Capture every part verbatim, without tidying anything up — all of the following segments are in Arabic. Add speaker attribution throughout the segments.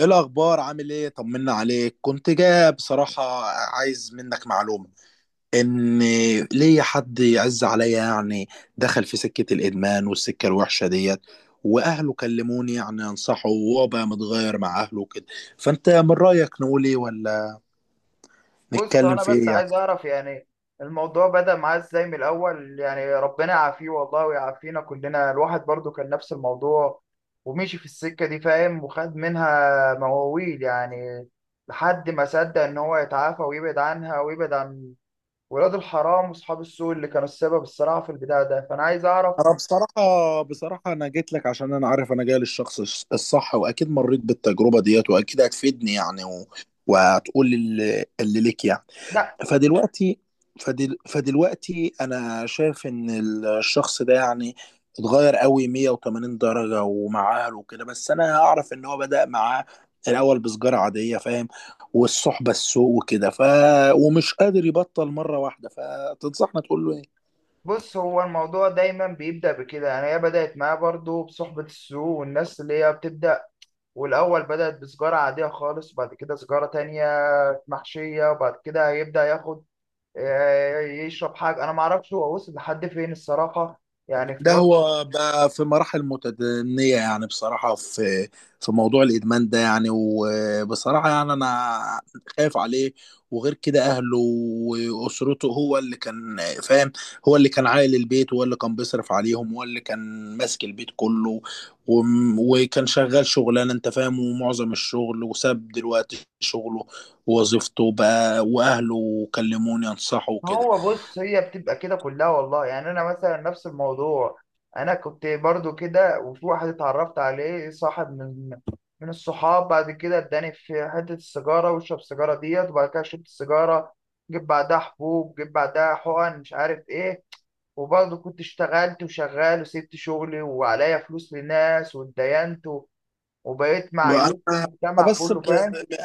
Speaker 1: ايه الاخبار؟ عامل ايه؟ طمنا عليك. كنت جاي بصراحه، عايز منك معلومه، ان ليا حد يعز عليا يعني دخل في سكه الادمان والسكه الوحشه ديت، واهله كلموني يعني انصحه، وهو بقى متغير مع اهله وكده. فانت من رايك نقول ايه، ولا
Speaker 2: بص
Speaker 1: نتكلم
Speaker 2: انا
Speaker 1: في
Speaker 2: بس
Speaker 1: ايه يعني؟
Speaker 2: عايز اعرف يعني الموضوع بدأ معاه ازاي من الاول. يعني ربنا يعافيه والله ويعافينا كلنا، الواحد برضو كان نفس الموضوع ومشي في السكة دي، فاهم؟ وخد منها مواويل يعني، لحد ما صدق ان هو يتعافى ويبعد عنها ويبعد عن ولاد الحرام واصحاب السوء اللي كانوا السبب الصراحة في البداية ده. فانا عايز اعرف.
Speaker 1: انا بصراحه بصراحه انا جيت لك عشان انا عارف انا جاي للشخص الص- الصح، واكيد مريت بالتجربه ديت واكيد هتفيدني يعني و... وهتقول اللي اللي ليك يعني.
Speaker 2: لا.
Speaker 1: فدلوقتي فدل... فدلوقتي انا شايف ان الشخص ده يعني اتغير قوي مية وتمانين درجة ومع اهله وكده، بس انا اعرف ان هو بدأ معاه الاول بسجارة عادية، فاهم؟ والصحبة السوء وكده، ف ومش قادر يبطل مرة واحدة. فتنصحنا تقول له إيه؟
Speaker 2: بص، هو الموضوع دايما بيبدأ بكده، يعني هي بدأت معاه برضو بصحبة السوء والناس اللي هي بتبدأ، والأول بدأت بسجارة عادية خالص، وبعد كده سجارة تانية محشية، وبعد كده هيبدأ ياخد، آه، يشرب حاجة. أنا معرفش هو وصل لحد فين الصراحة، يعني في
Speaker 1: ده
Speaker 2: فترة.
Speaker 1: هو بقى في مراحل متدنية يعني، بصراحة، في في موضوع الإدمان ده يعني، وبصراحة يعني أنا خايف عليه. وغير كده أهله وأسرته، هو اللي كان فاهم هو اللي كان عائل البيت، وهو اللي كان بيصرف عليهم، وهو اللي كان ماسك البيت كله. وم- وكان شغال شغلانة، أنت فاهم، ومعظم الشغل، وساب دلوقتي شغله ووظيفته بقى، وأهله كلموني أنصحه وكده.
Speaker 2: هو بص، هي بتبقى كده كلها والله، يعني أنا مثلا نفس الموضوع، أنا كنت برضو كده، وفي واحد اتعرفت عليه صاحب من من الصحاب، بعد كده اداني في حتة السيجارة، واشرب السيجارة ديت، وبعد كده شربت السيجارة، جيب بعدها حبوب، جيب بعدها حقن، مش عارف ايه. وبرضه كنت اشتغلت وشغال وسبت شغلي وعليا فلوس لناس واتدينت و- وبقيت معيوب في
Speaker 1: وانا
Speaker 2: المجتمع
Speaker 1: بس
Speaker 2: كله،
Speaker 1: ب...
Speaker 2: فاهم؟
Speaker 1: ب... ب...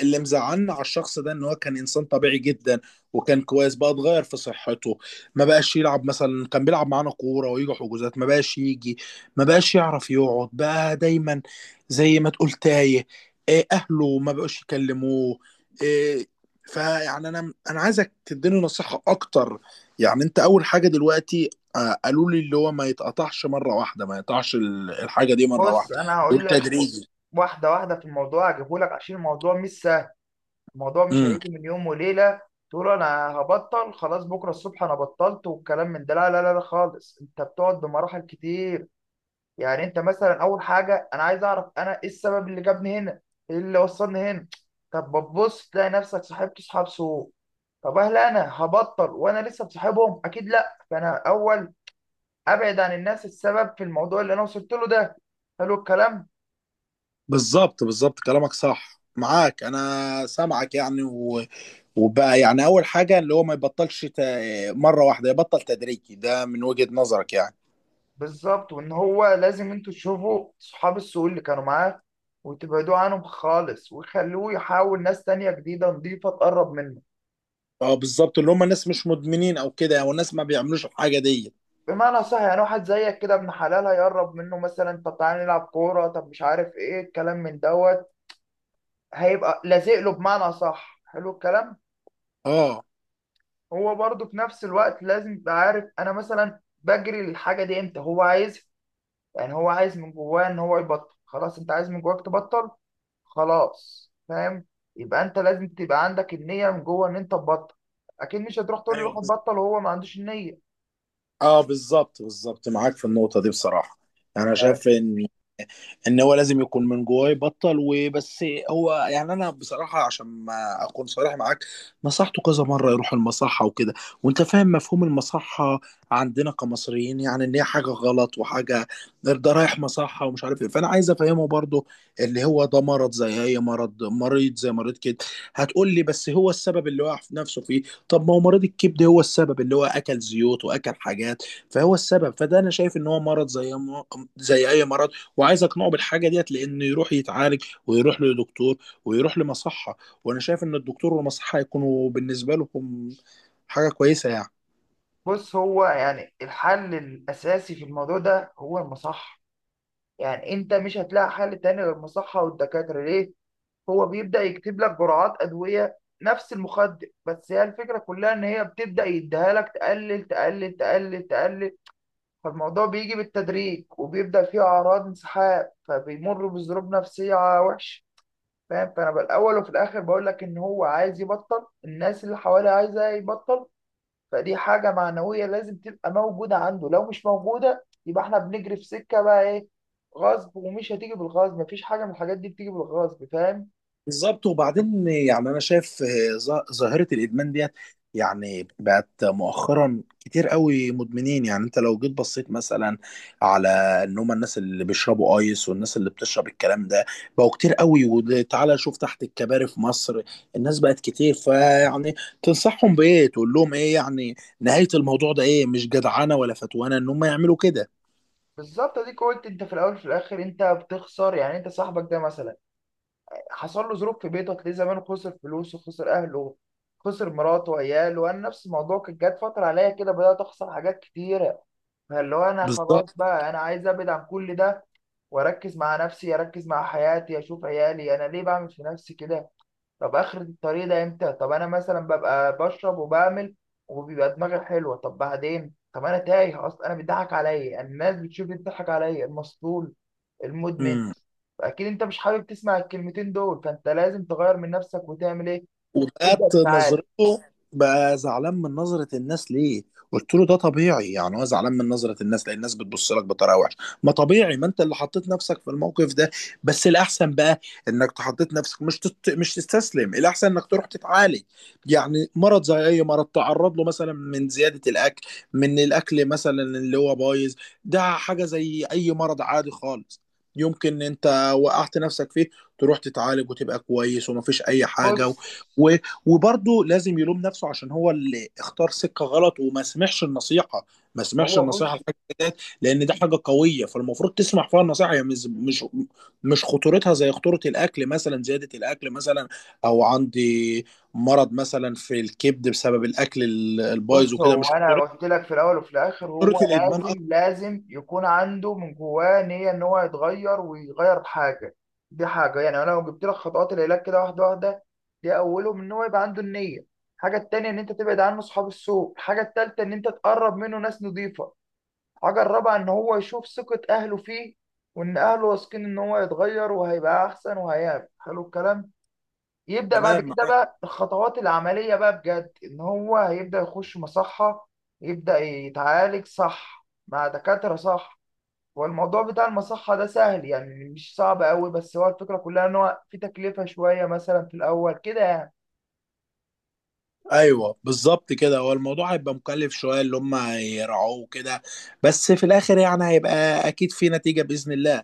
Speaker 1: اللي مزعلنا على الشخص ده ان هو كان انسان طبيعي جدا، وكان كويس. بقى اتغير في صحته، ما بقاش يلعب مثلا، كان بيلعب معانا كوره ويجي حجوزات ما بقاش يجي، ما بقاش يعرف يقعد بقى، دايما زي ما تقول تايه. إيه، اهله ما بقوش يكلموه، إيه. فيعني انا انا عايزك تديني نصيحه اكتر يعني. انت اول حاجه دلوقتي، آه، قالوا لي اللي هو ما يتقطعش مره واحده، ما يقطعش ال- الحاجه دي مره
Speaker 2: بص
Speaker 1: واحده،
Speaker 2: انا هقول
Speaker 1: دول
Speaker 2: لك خ-
Speaker 1: تدريجي.
Speaker 2: واحده واحده. في الموضوع هجيبه لك، عشان الموضوع مش سهل، الموضوع مش
Speaker 1: امم.
Speaker 2: هيجي من يوم وليله. تقول انا هبطل خلاص بكره الصبح، انا بطلت والكلام من ده، لا لا لا لا خالص. انت بتقعد بمراحل كتير، يعني انت مثلا اول حاجه، انا عايز اعرف انا ايه السبب اللي جابني هنا، ايه اللي وصلني هنا. طب بتبص تلاقي نفسك صاحبت اصحاب سوء، طب هل انا هبطل وانا لسه بصاحبهم؟ اكيد لا. فانا اول ابعد عن الناس السبب في الموضوع اللي انا وصلت له ده. حلو الكلام.
Speaker 1: بالظبط، بالظبط، كلامك صح، معاك انا سامعك يعني و... وبقى يعني اول حاجه اللي هو ما يبطلش ت... مره واحده، يبطل تدريجي، ده من وجهه نظرك يعني.
Speaker 2: بالظبط، وان هو لازم انتوا تشوفوا صحاب السوق اللي كانوا معاه وتبعدوا عنهم خالص، وخلوه يحاول ناس تانية جديدة نضيفة تقرب منه.
Speaker 1: اه، بالظبط، اللي هم ناس مش مدمنين او كده يعني، والناس ما بيعملوش الحاجه دي.
Speaker 2: بمعنى صح، يعني واحد زيك كده، ابن حلال، هيقرب منه مثلا، طب تعالى نلعب كورة، طب مش عارف ايه، الكلام من دوت، هيبقى لازق له. بمعنى صح، حلو الكلام.
Speaker 1: اه،
Speaker 2: هو برضه في نفس الوقت لازم يبقى عارف انا مثلا بجري للحاجه دي امتى، هو عايز، يعني هو عايز من جواه ان هو يبطل خلاص، انت عايز من جواك تبطل خلاص، فاهم؟ يبقى انت لازم تبقى عندك النيه من جوه ان انت تبطل، اكيد مش هتروح تقول له
Speaker 1: ايوه،
Speaker 2: روح
Speaker 1: بز-
Speaker 2: تبطل وهو ما عندوش النيه.
Speaker 1: اه، بالظبط، بالظبط، معاك في النقطه دي بصراحه. يعني انا
Speaker 2: يعني.
Speaker 1: شايف ان ان هو لازم يكون من جواه يبطل وبس. هو يعني انا بصراحه، عشان ما اكون صريح معاك، نصحته كذا مره يروح المصحه وكده، وانت فاهم مفهوم المصحه عندنا كمصريين، يعني ان هي حاجه غلط، وحاجه ده رايح مصحه ومش عارف ايه. فانا عايز افهمه برضو اللي هو ده مرض زي اي مرض، مريض زي مريض كده. هتقول لي بس هو السبب اللي وقع في نفسه فيه، طب ما هو مريض الكبد هو السبب اللي هو اكل زيوت واكل حاجات، فهو السبب. فده انا شايف ان هو مرض زي زي اي مرض، وعايز اقنعه بالحاجه ديت لانه يروح يتعالج ويروح لدكتور ويروح لمصحه. وانا شايف ان الدكتور والمصحه هيكونوا بالنسبه لكم حاجه كويسه يعني.
Speaker 2: بص، هو يعني الحل الاساسي في الموضوع ده هو المصحه، يعني انت مش هتلاقي حل تاني غير المصحه والدكاتره. ليه؟ هو بيبدأ يكتب لك جرعات أدوية نفس المخدر، بس هي الفكرة كلها إن هي بتبدأ يديها لك تقلل تقلل تقلل تقلل، فالموضوع بيجي بالتدريج، وبيبدأ فيه أعراض انسحاب، فبيمر بظروف نفسية وحشة، فاهم؟ فأنا بالأول وفي الآخر بقول لك إن هو عايز يبطل، الناس اللي حواليه عايزة يبطل، فدي حاجة معنوية لازم تبقى موجودة عنده، لو مش موجودة يبقى إحنا بنجري في سكة بقى إيه، غصب. ومش هتيجي بالغصب، مفيش حاجة من الحاجات دي بتيجي بالغصب، فاهم؟
Speaker 1: بالظبط. وبعدين يعني انا شايف آه، ظا- ظاهره الادمان ديت، يعني بقت مؤخرا كتير قوي مدمنين، يعني انت لو جيت بصيت مثلا على ان هم الناس اللي بيشربوا ايس والناس اللي بتشرب الكلام ده، بقوا كتير قوي، وتعالى شوف تحت الكباري في مصر الناس بقت كتير. فيعني تنصحهم بايه، تقول لهم ايه يعني؟ نهايه الموضوع ده ايه؟ مش جدعانه ولا فتوانه ان هم يعملوا كده.
Speaker 2: بالظبط. اديك قلت انت في الاول وفي الاخر انت بتخسر، يعني انت صاحبك ده مثلا حصل له ظروف في بيته، هتلاقيه زمان خسر فلوسه، خسر اهله، خسر مراته وعياله. وانا نفس الموضوع، كانت جت فتره عليا كده بدات اخسر حاجات كتيره، فاللي هو انا خلاص
Speaker 1: بالظبط.
Speaker 2: بقى، انا عايز ابعد عن كل ده واركز مع نفسي، اركز مع حياتي، اشوف عيالي، انا ليه بعمل في نفسي كده؟ طب اخر الطريق ده امتى؟ طب انا مثلا ببقى بشرب وبعمل، وبيبقى دماغي حلوه، طب بعدين؟ طب انا تايه اصلا، انا بيضحك عليا الناس، بتشوف بتضحك عليا المسطول، المدمن. اكيد انت مش حابب تسمع الكلمتين دول، فانت لازم تغير من نفسك وتعمل ايه،
Speaker 1: وبقت
Speaker 2: تبدا تتعالج.
Speaker 1: نظرته بقى زعلان من نظرة الناس، ليه؟ قلت له ده طبيعي يعني، هو زعلان من نظرة الناس لأن الناس بتبص لك بطريقة وحشة، ما طبيعي، ما أنت اللي حطيت نفسك في الموقف ده، بس الأحسن بقى إنك تحطيت نفسك، مش تت... مش تستسلم، الأحسن إنك تروح تتعالج، يعني مرض زي أي مرض تعرض له مثلا من زيادة الأكل، من الأكل مثلا اللي هو بايظ، ده حاجة زي أي مرض عادي خالص، يمكن أنت وقعت نفسك فيه، تروح تتعالج وتبقى كويس ومفيش أي حاجة.
Speaker 2: بص
Speaker 1: و- وبرضه لازم يلوم نفسه عشان هو اللي اختار سكة غلط وما سمعش النصيحة، ما سمعش
Speaker 2: هو
Speaker 1: النصيحة
Speaker 2: بص
Speaker 1: الحاجة ديت، لأن ده حاجة قوية فالمفروض تسمع فيها النصيحة يعني، مش مش مش خطورتها زي خطورة الأكل مثلا، زيادة الأكل مثلا، أو عندي مرض مثلا في الكبد بسبب الأكل ال- البايظ
Speaker 2: بص
Speaker 1: وكده،
Speaker 2: هو
Speaker 1: مش
Speaker 2: انا
Speaker 1: خطورة.
Speaker 2: قلت لك في الاول وفي الاخر،
Speaker 1: خطورة
Speaker 2: هو
Speaker 1: الإدمان أكتر.
Speaker 2: لازم لازم يكون عنده من جواه نيه ان هو يتغير ويغير حاجه. دي حاجه، يعني انا لو جبت لك خطوات العلاج كده واحده واحده، دي اولهم ان هو يبقى عنده النيه. الحاجه التانيه ان انت تبعد عنه اصحاب السوء. الحاجه التالته ان انت تقرب منه ناس نظيفه. حاجة الرابعة إن هو يشوف ثقة أهله فيه، وإن أهله واثقين إن هو يتغير وهيبقى أحسن وهيعمل، حلو الكلام. يبدأ بعد
Speaker 1: تمام،
Speaker 2: كده
Speaker 1: معاك.
Speaker 2: بقى الخطوات العملية بقى بجد، إن هو هيبدأ يخش مصحة، يبدأ يتعالج صح مع دكاترة صح. والموضوع بتاع المصحة ده سهل، يعني مش صعب أوي، بس هو الفكرة كلها إن هو في تكلفة شوية مثلا في الأول كده يعني.
Speaker 1: ايوه، بالظبط كده، هو الموضوع هيبقى مكلف شويه، اللي هم هيرعوه كده، بس في الاخر يعني هيبقى اكيد في نتيجه باذن الله.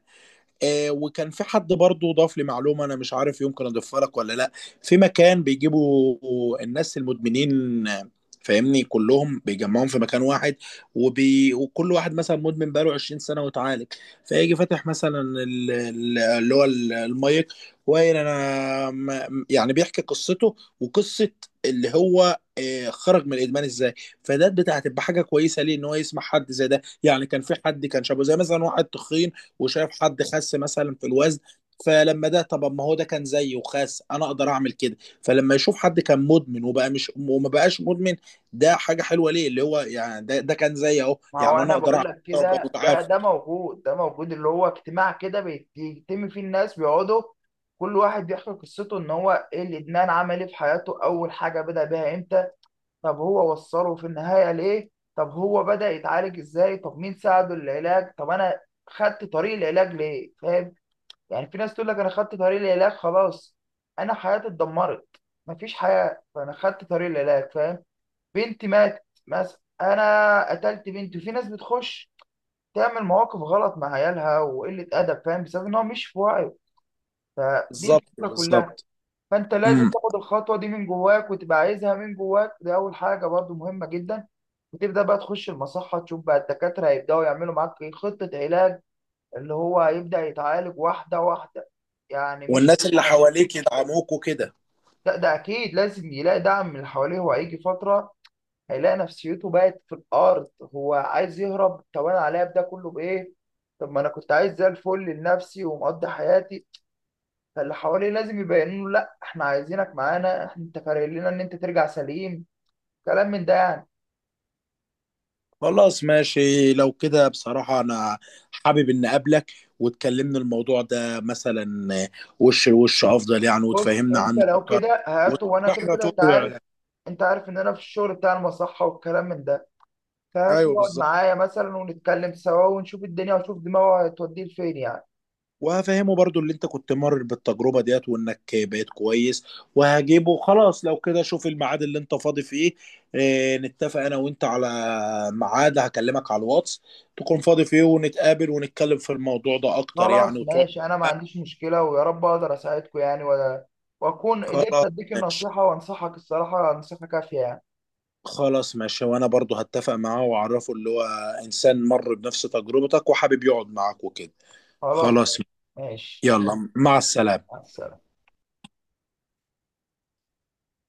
Speaker 1: آه، وكان في حد برضه ضاف لي معلومه، انا مش عارف يمكن اضيفها لك ولا لا. في مكان بيجيبوا الناس المدمنين، آه، فاهمني، كلهم بيجمعهم في مكان واحد، وبي... وكل واحد مثلا مدمن بقاله عشرين سنه وتعالج، فيجي فاتح مثلا ال- ال- اللي هو ال- المايك، وقايل انا م- يعني بيحكي قصته، وقصه اللي هو آه، خرج من الادمان ازاي. فده بتاعت تبقى حاجه كويسه ليه ان هو يسمع حد زي ده، يعني كان في حد كان شابه زي مثلا واحد تخين وشايف حد خس مثلا في الوزن، فلما ده طب ما هو ده كان زيي وخاس، انا اقدر اعمل كده. فلما يشوف حد كان مدمن وبقى مش وما بقاش مدمن، ده حاجه حلوه ليه، اللي هو يعني ده ده كان زيي اهو،
Speaker 2: ما هو
Speaker 1: يعني انا
Speaker 2: انا
Speaker 1: اقدر
Speaker 2: بقول
Speaker 1: اعمل
Speaker 2: لك
Speaker 1: كده وابقى
Speaker 2: كده، ده
Speaker 1: متعافى.
Speaker 2: ده موجود، ده موجود، اللي هو اجتماع كده بيتم فيه، الناس بيقعدوا كل واحد بيحكي قصته، ان هو ايه الادمان، عمل ايه في حياته، اول حاجه بدا بيها امتى، طب هو وصله في النهايه ليه، طب هو بدا يتعالج ازاي، طب مين ساعده العلاج، طب انا خدت طريق العلاج ليه، فاهم؟ يعني في ناس تقول لك انا خدت طريق العلاج خلاص، انا حياتي اتدمرت، مفيش حياه، فانا خدت طريق العلاج، فاهم؟ بنتي ماتت مثلا، انا قتلت بنتي، في ناس بتخش تعمل مواقف غلط مع عيالها وقلة أدب، فاهم؟ بسبب إن هو مش في وعيه. فدي
Speaker 1: بالظبط،
Speaker 2: الفكرة كلها.
Speaker 1: بالظبط.
Speaker 2: فأنت لازم
Speaker 1: امم.
Speaker 2: تاخد الخطوة دي من جواك، وتبقى عايزها من جواك، دي أول حاجة برضو مهمة جدا. وتبدأ بقى تخش المصحة، تشوف بقى الدكاترة هيبدأوا يعملوا معاك إيه؟ خطة علاج، اللي هو هيبدأ يتعالج واحدة واحدة، يعني مش
Speaker 1: والناس
Speaker 2: هيجي
Speaker 1: اللي
Speaker 2: عليه.
Speaker 1: حواليك يدعموك وكده.
Speaker 2: لا، ده أكيد لازم يلاقي دعم من اللي حواليه. وهيجي فترة هيلاقي نفسيته بقت في الارض، هو عايز يهرب، طب انا عليا ده كله بايه، طب ما انا كنت عايز زي الفل لنفسي ومقضي حياتي. فاللي حواليه لازم يبينوا له لا احنا عايزينك معانا، إحنا- انت فارق لنا ان انت ترجع سليم، كلام من ده يعني.
Speaker 1: خلاص، ماشي لو كده، بصراحه انا حابب ان اقابلك وتكلمنا الموضوع ده مثلا، وش لوش افضل يعني،
Speaker 2: بص
Speaker 1: وتفهمنا
Speaker 2: انت
Speaker 1: عنه
Speaker 2: لو
Speaker 1: اكتر،
Speaker 2: كده هاته، وانا
Speaker 1: وتشرح
Speaker 2: كده
Speaker 1: لنا
Speaker 2: كده انت عارف،
Speaker 1: تقول-
Speaker 2: انت عارف ان انا في الشغل بتاع المصحة والكلام من ده، فهاته
Speaker 1: ايوه،
Speaker 2: يقعد
Speaker 1: بالظبط،
Speaker 2: معايا مثلا، ونتكلم سوا، ونشوف الدنيا ونشوف دماغه هتوديه لفين يعني.
Speaker 1: وهفهمه برضو اللي انت كنت مر بالتجربة ديت وانك بقيت كويس. وهجيبه خلاص لو كده، شوف الميعاد اللي انت فاضي فيه. اه، نتفق انا وانت على ميعاد، هكلمك على الواتس تكون فاضي فيه، ونتقابل ونتكلم في الموضوع ده اكتر يعني،
Speaker 2: خلاص
Speaker 1: وتقعد.
Speaker 2: ماشي، انا ما عنديش مشكله، ويا رب اقدر اساعدكم يعني و- واكون قدرت
Speaker 1: خلاص،
Speaker 2: اديك
Speaker 1: ماشي.
Speaker 2: النصيحه، وانصحك الصراحه نصيحه كافيه يعني.
Speaker 1: خلاص ماشي، وانا برضو هتفق معاه واعرفه اللي هو انسان مر بنفس تجربتك وحابب يقعد معاك وكده.
Speaker 2: خلاص
Speaker 1: خلاص.
Speaker 2: ماشي. ماشي.
Speaker 1: يلا، مع السلامة.
Speaker 2: مع السلامه.